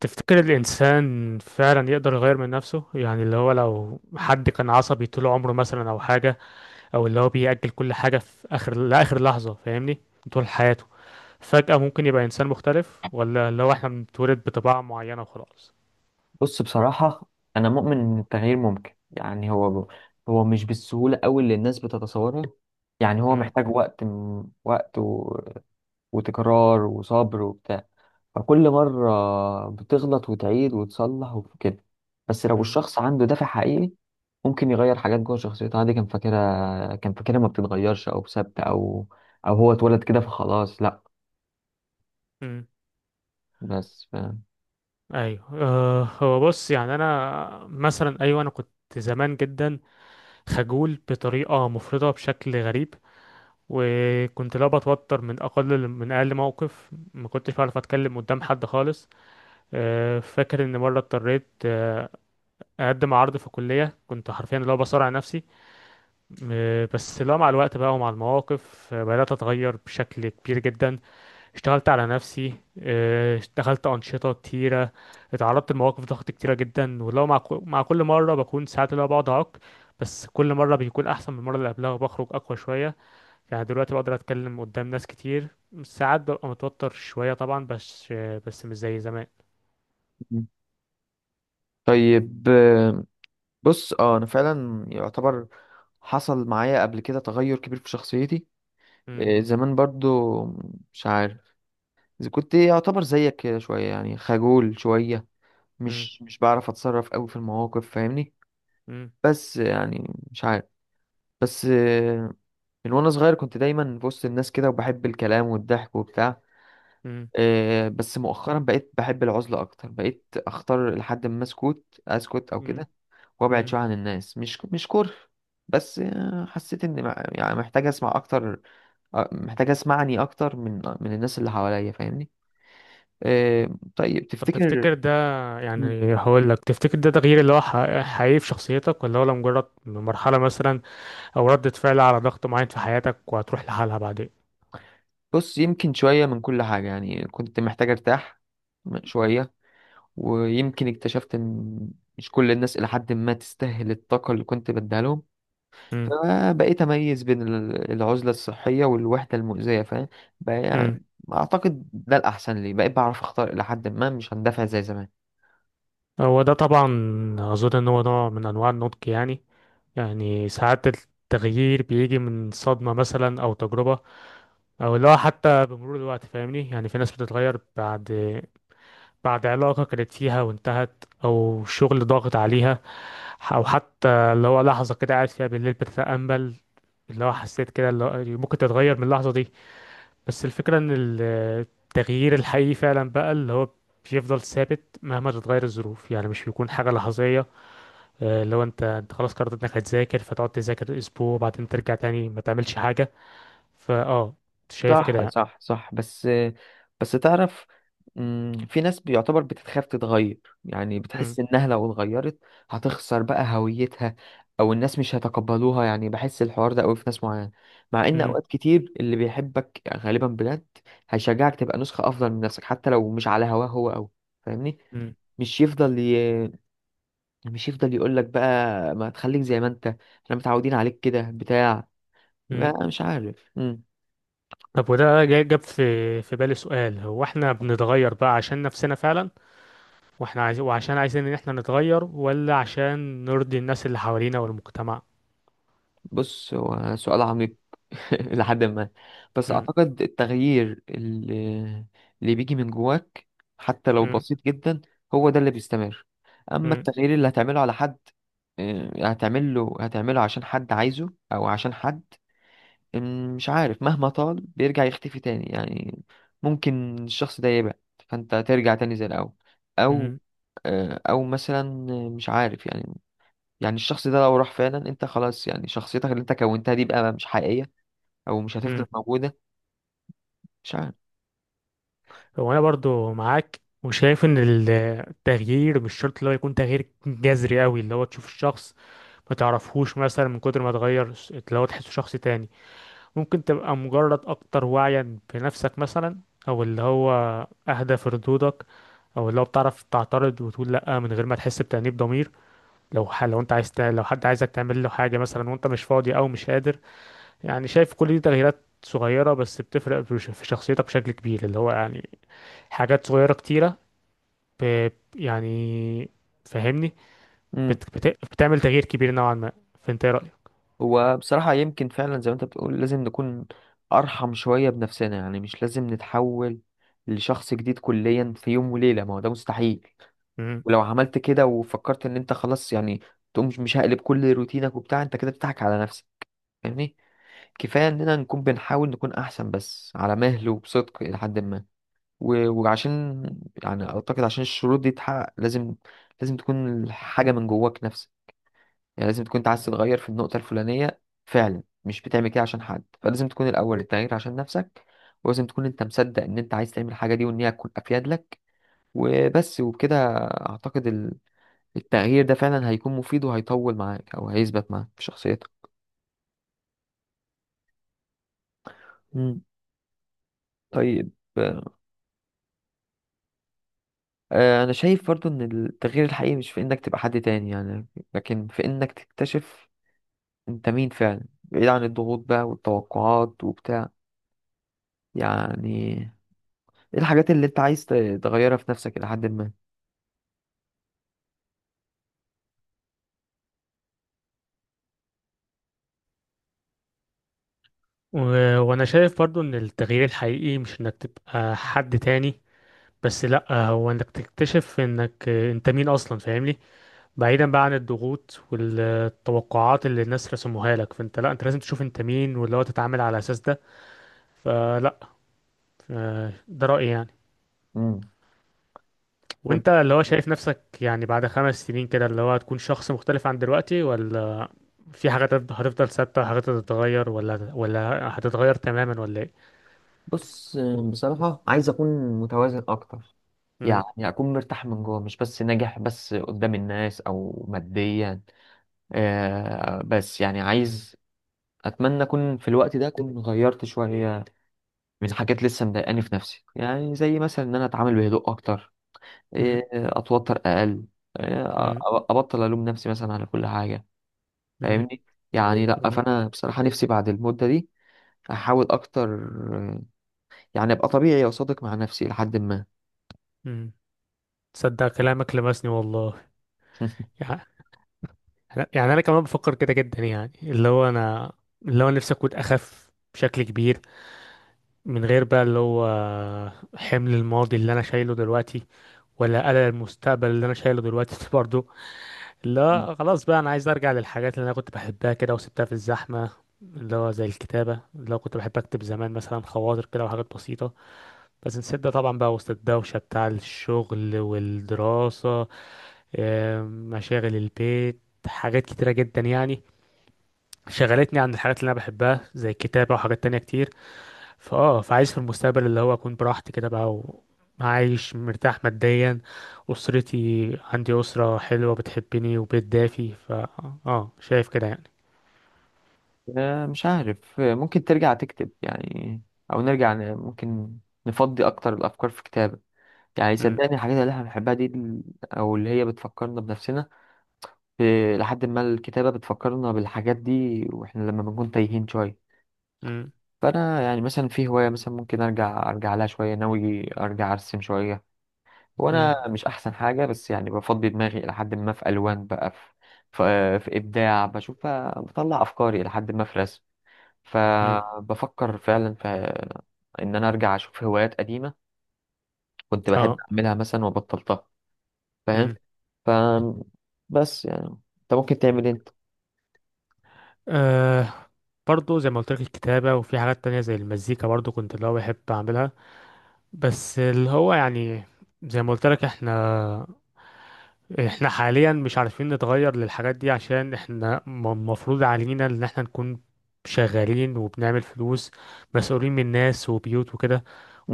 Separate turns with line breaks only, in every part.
تفتكر الإنسان فعلا يقدر يغير من نفسه؟ يعني اللي هو لو حد كان عصبي طول عمره مثلا أو حاجة، أو اللي هو بيأجل كل حاجة في آخر لآخر لحظة، فاهمني، طول حياته، فجأة ممكن يبقى إنسان مختلف؟ ولا اللي هو إحنا بنتولد بطباع معينة وخلاص؟
بص، بصراحة أنا مؤمن إن التغيير ممكن. يعني هو مش بالسهولة أوي اللي الناس بتتصورها. يعني هو
م-.
محتاج وقت وتكرار وصبر وبتاع. فكل مرة بتغلط وتعيد وتصلح وكده. بس لو
م-.
الشخص عنده دافع حقيقي ممكن يغير حاجات جوه شخصيته عادي. كان فاكرها ما بتتغيرش، أو ثابتة، أو هو اتولد كده فخلاص، لأ.
م.
بس ف...
أيوه، هو بص، يعني أنا مثلا، أيوه، أنا كنت زمان جدا خجول بطريقة مفرطة بشكل غريب، وكنت لا بتوتر من اقل موقف، ما كنتش بعرف اتكلم قدام حد خالص. فاكر ان مره اضطريت اقدم عرض في كليه، كنت حرفيا لا بصارع نفسي. بس لا، مع الوقت بقى ومع المواقف بدات اتغير بشكل كبير جدا. اشتغلت على نفسي، اشتغلت انشطه كتيره، اتعرضت لمواقف ضغط كتيره جدا، ولو مع مع كل مره بكون ساعات اللي هو بقعد اعك. بس كل مره بيكون احسن من المره اللي قبلها، وبخرج اقوى شويه. يعني دلوقتي بقدر اتكلم قدام ناس كتير، ساعات ببقى متوتر شوية طبعا، بس مش زي زمان.
مم. طيب. بص، انا فعلا يعتبر حصل معايا قبل كده تغير كبير في شخصيتي.
مم،
زمان برضو، مش عارف إذا كنت يعتبر زيك كده شوية، يعني خجول شوية،
مم،
مش بعرف اتصرف قوي في المواقف. فاهمني؟
مم،
بس يعني مش عارف. بس آه، من وانا صغير كنت دايما في وسط الناس كده، وبحب الكلام والضحك وبتاع.
مم،
بس مؤخرا بقيت بحب العزلة اكتر، بقيت اختار لحد ما اسكت اسكت او
مم،
كده، وابعد
مم.
شويه عن الناس. مش كره، بس حسيت ان يعني محتاج اسمع اكتر. محتاج اسمعني اكتر من الناس اللي حواليا. فاهمني؟ آه. طيب،
طب
تفتكر؟
تفتكر ده،
مم.
يعني هقول لك، تفتكر ده تغيير اللي هو حقيقي في شخصيتك، ولا هو مجرد مرحلة مثلا، أو ردة فعل على ضغط معين في حياتك وهتروح لحالها بعدين؟
بص، يمكن شويه من كل حاجه. يعني كنت محتاج ارتاح شويه، ويمكن اكتشفت ان مش كل الناس الى حد ما تستاهل الطاقه اللي كنت بديها لهم.
مم،
فبقيت اميز بين العزله الصحيه والوحده المؤذيه. فاهم بقى؟
مم.
يعني اعتقد ده الاحسن لي. بقيت بعرف اختار الى حد ما، مش هندفع زي زمان.
هو ده طبعا، أظن إن هو نوع من أنواع النضج يعني. يعني ساعات التغيير بيجي من صدمة مثلا أو تجربة، او اللي هو حتى بمرور الوقت، فاهمني، يعني في ناس بتتغير بعد علاقة كانت فيها وانتهت، او شغل ضاغط عليها، او حتى اللي هو لحظة كده قاعد فيها بالليل بتتأمل، اللي هو حسيت كده اللي هو ممكن تتغير من اللحظة دي. بس الفكرة ان التغيير الحقيقي فعلا بقى اللي هو بيفضل ثابت مهما تتغير الظروف، يعني مش بيكون حاجة لحظية. اللي هو انت خلاص قررت انك هتذاكر فتقعد تذاكر اسبوع وبعدين ترجع تاني ما تعملش حاجة، فاه، شايف كده
صح
يعني.
صح صح. بس بس تعرف، في ناس بيعتبر بتتخاف تتغير. يعني
مم.
بتحس انها لو اتغيرت هتخسر بقى هويتها، او الناس مش هيتقبلوها. يعني بحس الحوار ده قوي في ناس معينه، مع ان
مم.
اوقات كتير اللي بيحبك غالبا بجد هيشجعك تبقى نسخه افضل من نفسك، حتى لو مش على هواه هو قوي. فاهمني؟
مم.
مش يفضل ي... مش يفضل يقول لك بقى، ما تخليك زي ما انت، احنا متعودين عليك كده بتاع
مم.
بقى مش عارف. مم.
طب وده جاب في بالي سؤال، هو احنا بنتغير بقى عشان نفسنا فعلا، واحنا وعشان عايزين ان احنا نتغير، ولا عشان نرضي الناس اللي حوالينا والمجتمع؟
بص، هو سؤال عميق. لحد ما، بس
مم.
اعتقد التغيير اللي بيجي من جواك، حتى لو
مم.
بسيط جدا، هو ده اللي بيستمر. اما
مم.
التغيير اللي هتعمله على حد، هتعمله عشان حد عايزه او عشان حد، مش عارف، مهما طال بيرجع يختفي تاني. يعني ممكن الشخص ده يبعد فانت ترجع تاني زي الاول، او
مم.
او مثلا مش عارف. يعني الشخص ده لو راح فعلا، انت خلاص يعني شخصيتك اللي انت كونتها دي بقى مش حقيقية، او مش هتفضل
مم.
موجودة. مش عارف.
هو انا برضو معاك وشايف ان التغيير مش شرط اللي هو يكون تغيير جذري قوي اللي هو تشوف الشخص ما تعرفهوش مثلا من كتر ما تغير، اللي هو تحسه شخص تاني. ممكن تبقى مجرد أكتر وعيا بنفسك مثلا، أو اللي هو أهدى في ردودك، أو اللي هو بتعرف تعترض وتقول لأ من غير ما تحس بتأنيب ضمير، لو ح... لو أنت عايز ت... لو حد عايزك تعمل له حاجة مثلا وأنت مش فاضي أو مش قادر. يعني شايف كل دي تغييرات صغيرة بس بتفرق في في شخصيتك بشكل كبير، اللي هو يعني حاجات صغيرة كتيرة، ب... يعني، فاهمني،
امم
بت... بت... بتعمل تغيير كبير نوعا ما. فأنت إيه
هو بصراحة يمكن فعلا زي ما انت بتقول، لازم نكون ارحم شوية بنفسنا. يعني مش لازم نتحول لشخص جديد كليا في يوم وليلة، ما هو ده مستحيل.
رأيك؟
ولو عملت كده وفكرت ان انت خلاص، يعني تقوم مش هقلب كل روتينك وبتاع، انت كده بتضحك على نفسك. فاهمني؟ كفايه اننا نكون بنحاول نكون احسن، بس على مهل وبصدق الى حد ما. و- وعشان يعني اعتقد عشان الشروط دي تتحقق، لازم لازم تكون حاجه من جواك نفسك. يعني لازم تكون انت عايز تتغير في النقطه الفلانيه فعلا، مش بتعمل كده عشان حد. فلازم تكون الاول التغيير عشان نفسك، ولازم تكون انت مصدق ان انت عايز تعمل الحاجه دي، وان هي تكون افيد لك. وبس. وبكده اعتقد التغيير ده فعلا هيكون مفيد وهيطول معاك، او هيثبت معاك في شخصيتك. مم. طيب. انا شايف برضو ان التغيير الحقيقي مش في انك تبقى حد تاني، يعني لكن في انك تكتشف انت مين فعلا، بعيد عن الضغوط بقى والتوقعات وبتاع. يعني ايه الحاجات اللي انت عايز تغيرها في نفسك الى حد ما.
و- وانا شايف برضو ان التغيير الحقيقي مش انك تبقى حد تاني، بس لا، هو انك تكتشف انك انت مين اصلا، فاهمني. بعيدا بقى عن الضغوط والتوقعات اللي الناس رسموها لك، فانت لا، انت لازم تشوف انت مين واللي هو تتعامل على اساس ده، فلا. ده رأيي يعني.
مم. طيب.
وانت اللي هو شايف نفسك، يعني بعد 5 سنين كده اللي هو هتكون شخص مختلف عن دلوقتي، ولا في حاجات هتفضل ثابتة، حاجات هتتغير، ولا هتتغير تماما، ولا ايه؟
بص، بصراحة عايز أكون متوازن أكتر،
مم،
يعني اكون مرتاح من جوه، مش بس ناجح بس قدام الناس او ماديا. آه، بس يعني عايز اتمنى اكون في الوقت ده اكون غيرت شويه من حاجات لسه مضايقاني في نفسي. يعني زي مثلا ان انا اتعامل بهدوء اكتر،
مم،
اتوتر اقل، ابطل الوم نفسي مثلا على كل حاجه.
مم،
فاهمني؟ يعني لا،
مم،
فانا بصراحه نفسي بعد المده دي احاول اكتر، آه، يعني ابقى طبيعي وصادق مع نفسي لحد ما.
امم تصدق كلامك لمسني والله. يعني، يعني انا كمان بفكر كده جدا، يعني اللي هو انا اللي هو نفسي اكون اخف بشكل كبير، من غير بقى اللي هو حمل الماضي اللي انا شايله دلوقتي، ولا قلق المستقبل اللي انا شايله دلوقتي برضه. اللي هو خلاص بقى انا عايز ارجع للحاجات اللي انا كنت بحبها كده وسبتها في الزحمة، اللي هو زي الكتابة، اللي هو كنت بحب اكتب زمان مثلا خواطر كده وحاجات بسيطة. بس نسيت ده طبعا بقى وسط الدوشة بتاع الشغل والدراسة، مشاغل البيت، حاجات كتيرة جدا يعني، شغلتني عن الحاجات اللي انا بحبها زي الكتابة وحاجات تانية كتير. فاه، فعايز في المستقبل اللي هو اكون براحتي كده بقى، وعايش مرتاح ماديا، اسرتي عندي اسرة حلوة بتحبني وبيت دافي، ف اه شايف كده يعني.
مش عارف. ممكن ترجع تكتب. يعني او ممكن نفضي اكتر الافكار في كتابة. يعني
مم،
صدقني، الحاجات اللي احنا بنحبها دي، او اللي هي بتفكرنا بنفسنا، لحد ما الكتابة بتفكرنا بالحاجات دي، واحنا لما بنكون تايهين شوية.
مم،
فانا يعني مثلا في هواية مثلا ممكن ارجع لها شوية. ناوي ارجع ارسم شوية،
مم،
وانا مش احسن حاجة، بس يعني بفضي دماغي الى حد ما في الوان بقى، في ابداع بشوف، بطلع افكاري الى حد ما في رسم.
مم،
فبفكر فعلا في ان انا ارجع اشوف هوايات قديمة كنت بحب
اه،
اعملها مثلا وبطلتها. فاهم؟
مم.
ف بس يعني انت ممكن تعمل إيه انت؟
آه برضو زي ما قلت لك الكتابة وفي حاجات تانية زي المزيكا برضو كنت اللي هو بحب أعملها. بس اللي هو يعني زي ما قلت لك، احنا حاليا مش عارفين نتغير للحاجات دي، عشان احنا المفروض علينا ان احنا نكون شغالين وبنعمل فلوس، مسؤولين من ناس وبيوت وكده،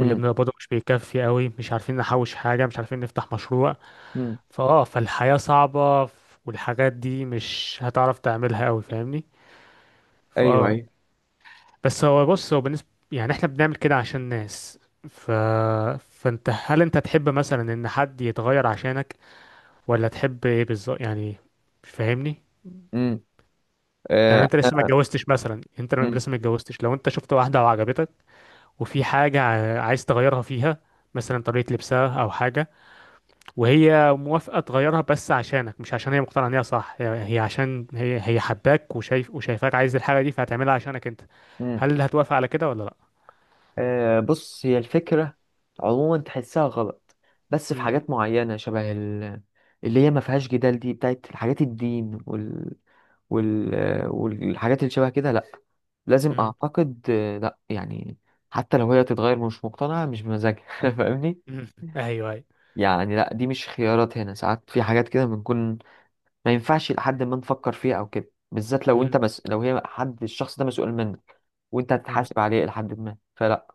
واللي بنقبضه مش بيكفي قوي، مش عارفين نحوش حاجة، مش عارفين نفتح مشروع.
امم
فاه، فالحياة صعبة، والحاجات دي مش هتعرف تعملها قوي، فاهمني،
ايوه
فاه.
ايوه.
بس هو بص، هو بالنسبة يعني احنا بنعمل كده عشان ناس، ف... فانت هل انت تحب مثلا ان حد يتغير عشانك، ولا تحب ايه بالظبط يعني؟ مش فاهمني.
امم
يعني
آه.
انت لسه ما اتجوزتش مثلا، انت
امم
لسه ما اتجوزتش، لو انت شفت واحده وعجبتك وفي حاجه عايز تغيرها فيها، مثلا طريقه لبسها او حاجه، وهي موافقه تغيرها بس عشانك، مش عشان هي مقتنعه ان هي صح، هي عشان هي حباك، وشايفاك عايز الحاجه دي فهتعملها عشانك انت،
امم
هل هتوافق على كده ولا لا؟
آه، بص، هي الفكرة عموما تحسها غلط، بس في
مم.
حاجات معينة شبه اللي هي ما فيهاش جدال، دي بتاعت حاجات الدين والحاجات اللي شبه كده، لا. لازم،
مم.
اعتقد، لا يعني. حتى لو هي تتغير مش مقتنعة، مش بمزاجها. فاهمني؟
مم. ايوه، ايوه.
يعني لا، دي مش خيارات هنا. ساعات في حاجات كده بنكون ما ينفعش لحد ما نفكر فيها او كده، بالذات لو
مم.
انت لو هي، حد الشخص ده مسؤول منك وانت
مم.
هتتحاسب عليه لحد ما، فلا.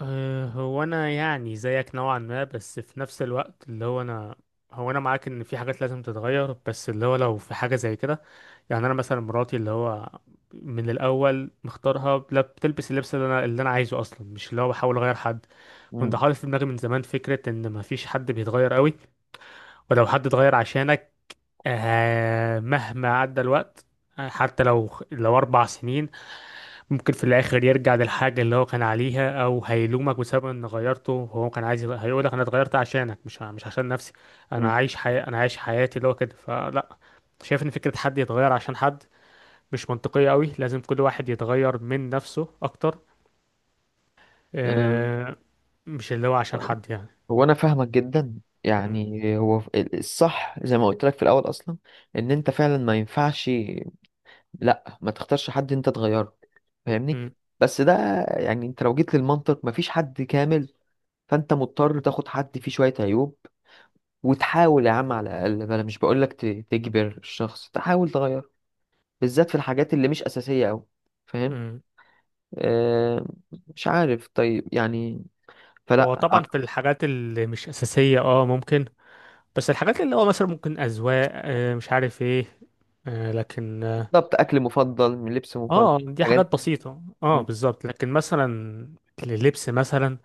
أه، هو انا يعني زيك نوعا ما، بس في نفس الوقت اللي هو انا، هو انا معاك ان في حاجات لازم تتغير، بس اللي هو لو في حاجه زي كده، يعني انا مثلا مراتي اللي هو من الاول مختارها لا بتلبس اللبس اللي انا عايزه اصلا، مش اللي هو بحاول اغير حد. كنت
مم.
حاطط في دماغي من زمان فكره ان مفيش حد بيتغير قوي، ولو حد اتغير عشانك مهما عدى الوقت، حتى لو 4 سنين، ممكن في الاخر يرجع للحاجه اللي هو كان عليها، او هيلومك بسبب ان غيرته، هو كان عايز هيقولك انا اتغيرت عشانك، مش عشان نفسي،
مم.
انا عايش حياتي اللي هو كده، فلا. شايف ان فكره حد يتغير عشان حد مش منطقية قوي، لازم كل واحد يتغير من نفسه أكتر.
أم،
آه، مش اللي هو عشان حد يعني.
هو انا فاهمك جدا.
مم.
يعني هو الصح زي ما قلت لك في الاول اصلا، ان انت فعلا ما ينفعش، لا، ما تختارش حد انت تغيره. فاهمني؟
مم.
بس ده، يعني انت لو جيت للمنطق مفيش حد كامل، فانت مضطر تاخد حد فيه شوية عيوب، وتحاول يا عم على الاقل. بلا، مش بقول لك تجبر الشخص، تحاول تغيره، بالذات في الحاجات اللي مش أساسية أوي. فاهم؟
مم.
آه. مش عارف، طيب يعني،
هو
فلا.
طبعا في الحاجات اللي مش أساسية اه ممكن. بس الحاجات اللي هو مثلا ممكن أذواق، مش عارف ايه، لكن اه،
بالظبط، أكل مفضل، من لبس مفضل،
دي
حاجات.
حاجات بسيطة اه بالظبط، لكن مثلا اللبس مثلا،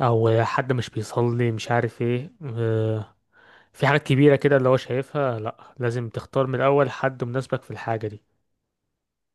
أو حد مش بيصلي مش عارف ايه، في حاجات كبيرة كده اللي هو شايفها لأ، لازم تختار من الأول حد مناسبك في الحاجة دي.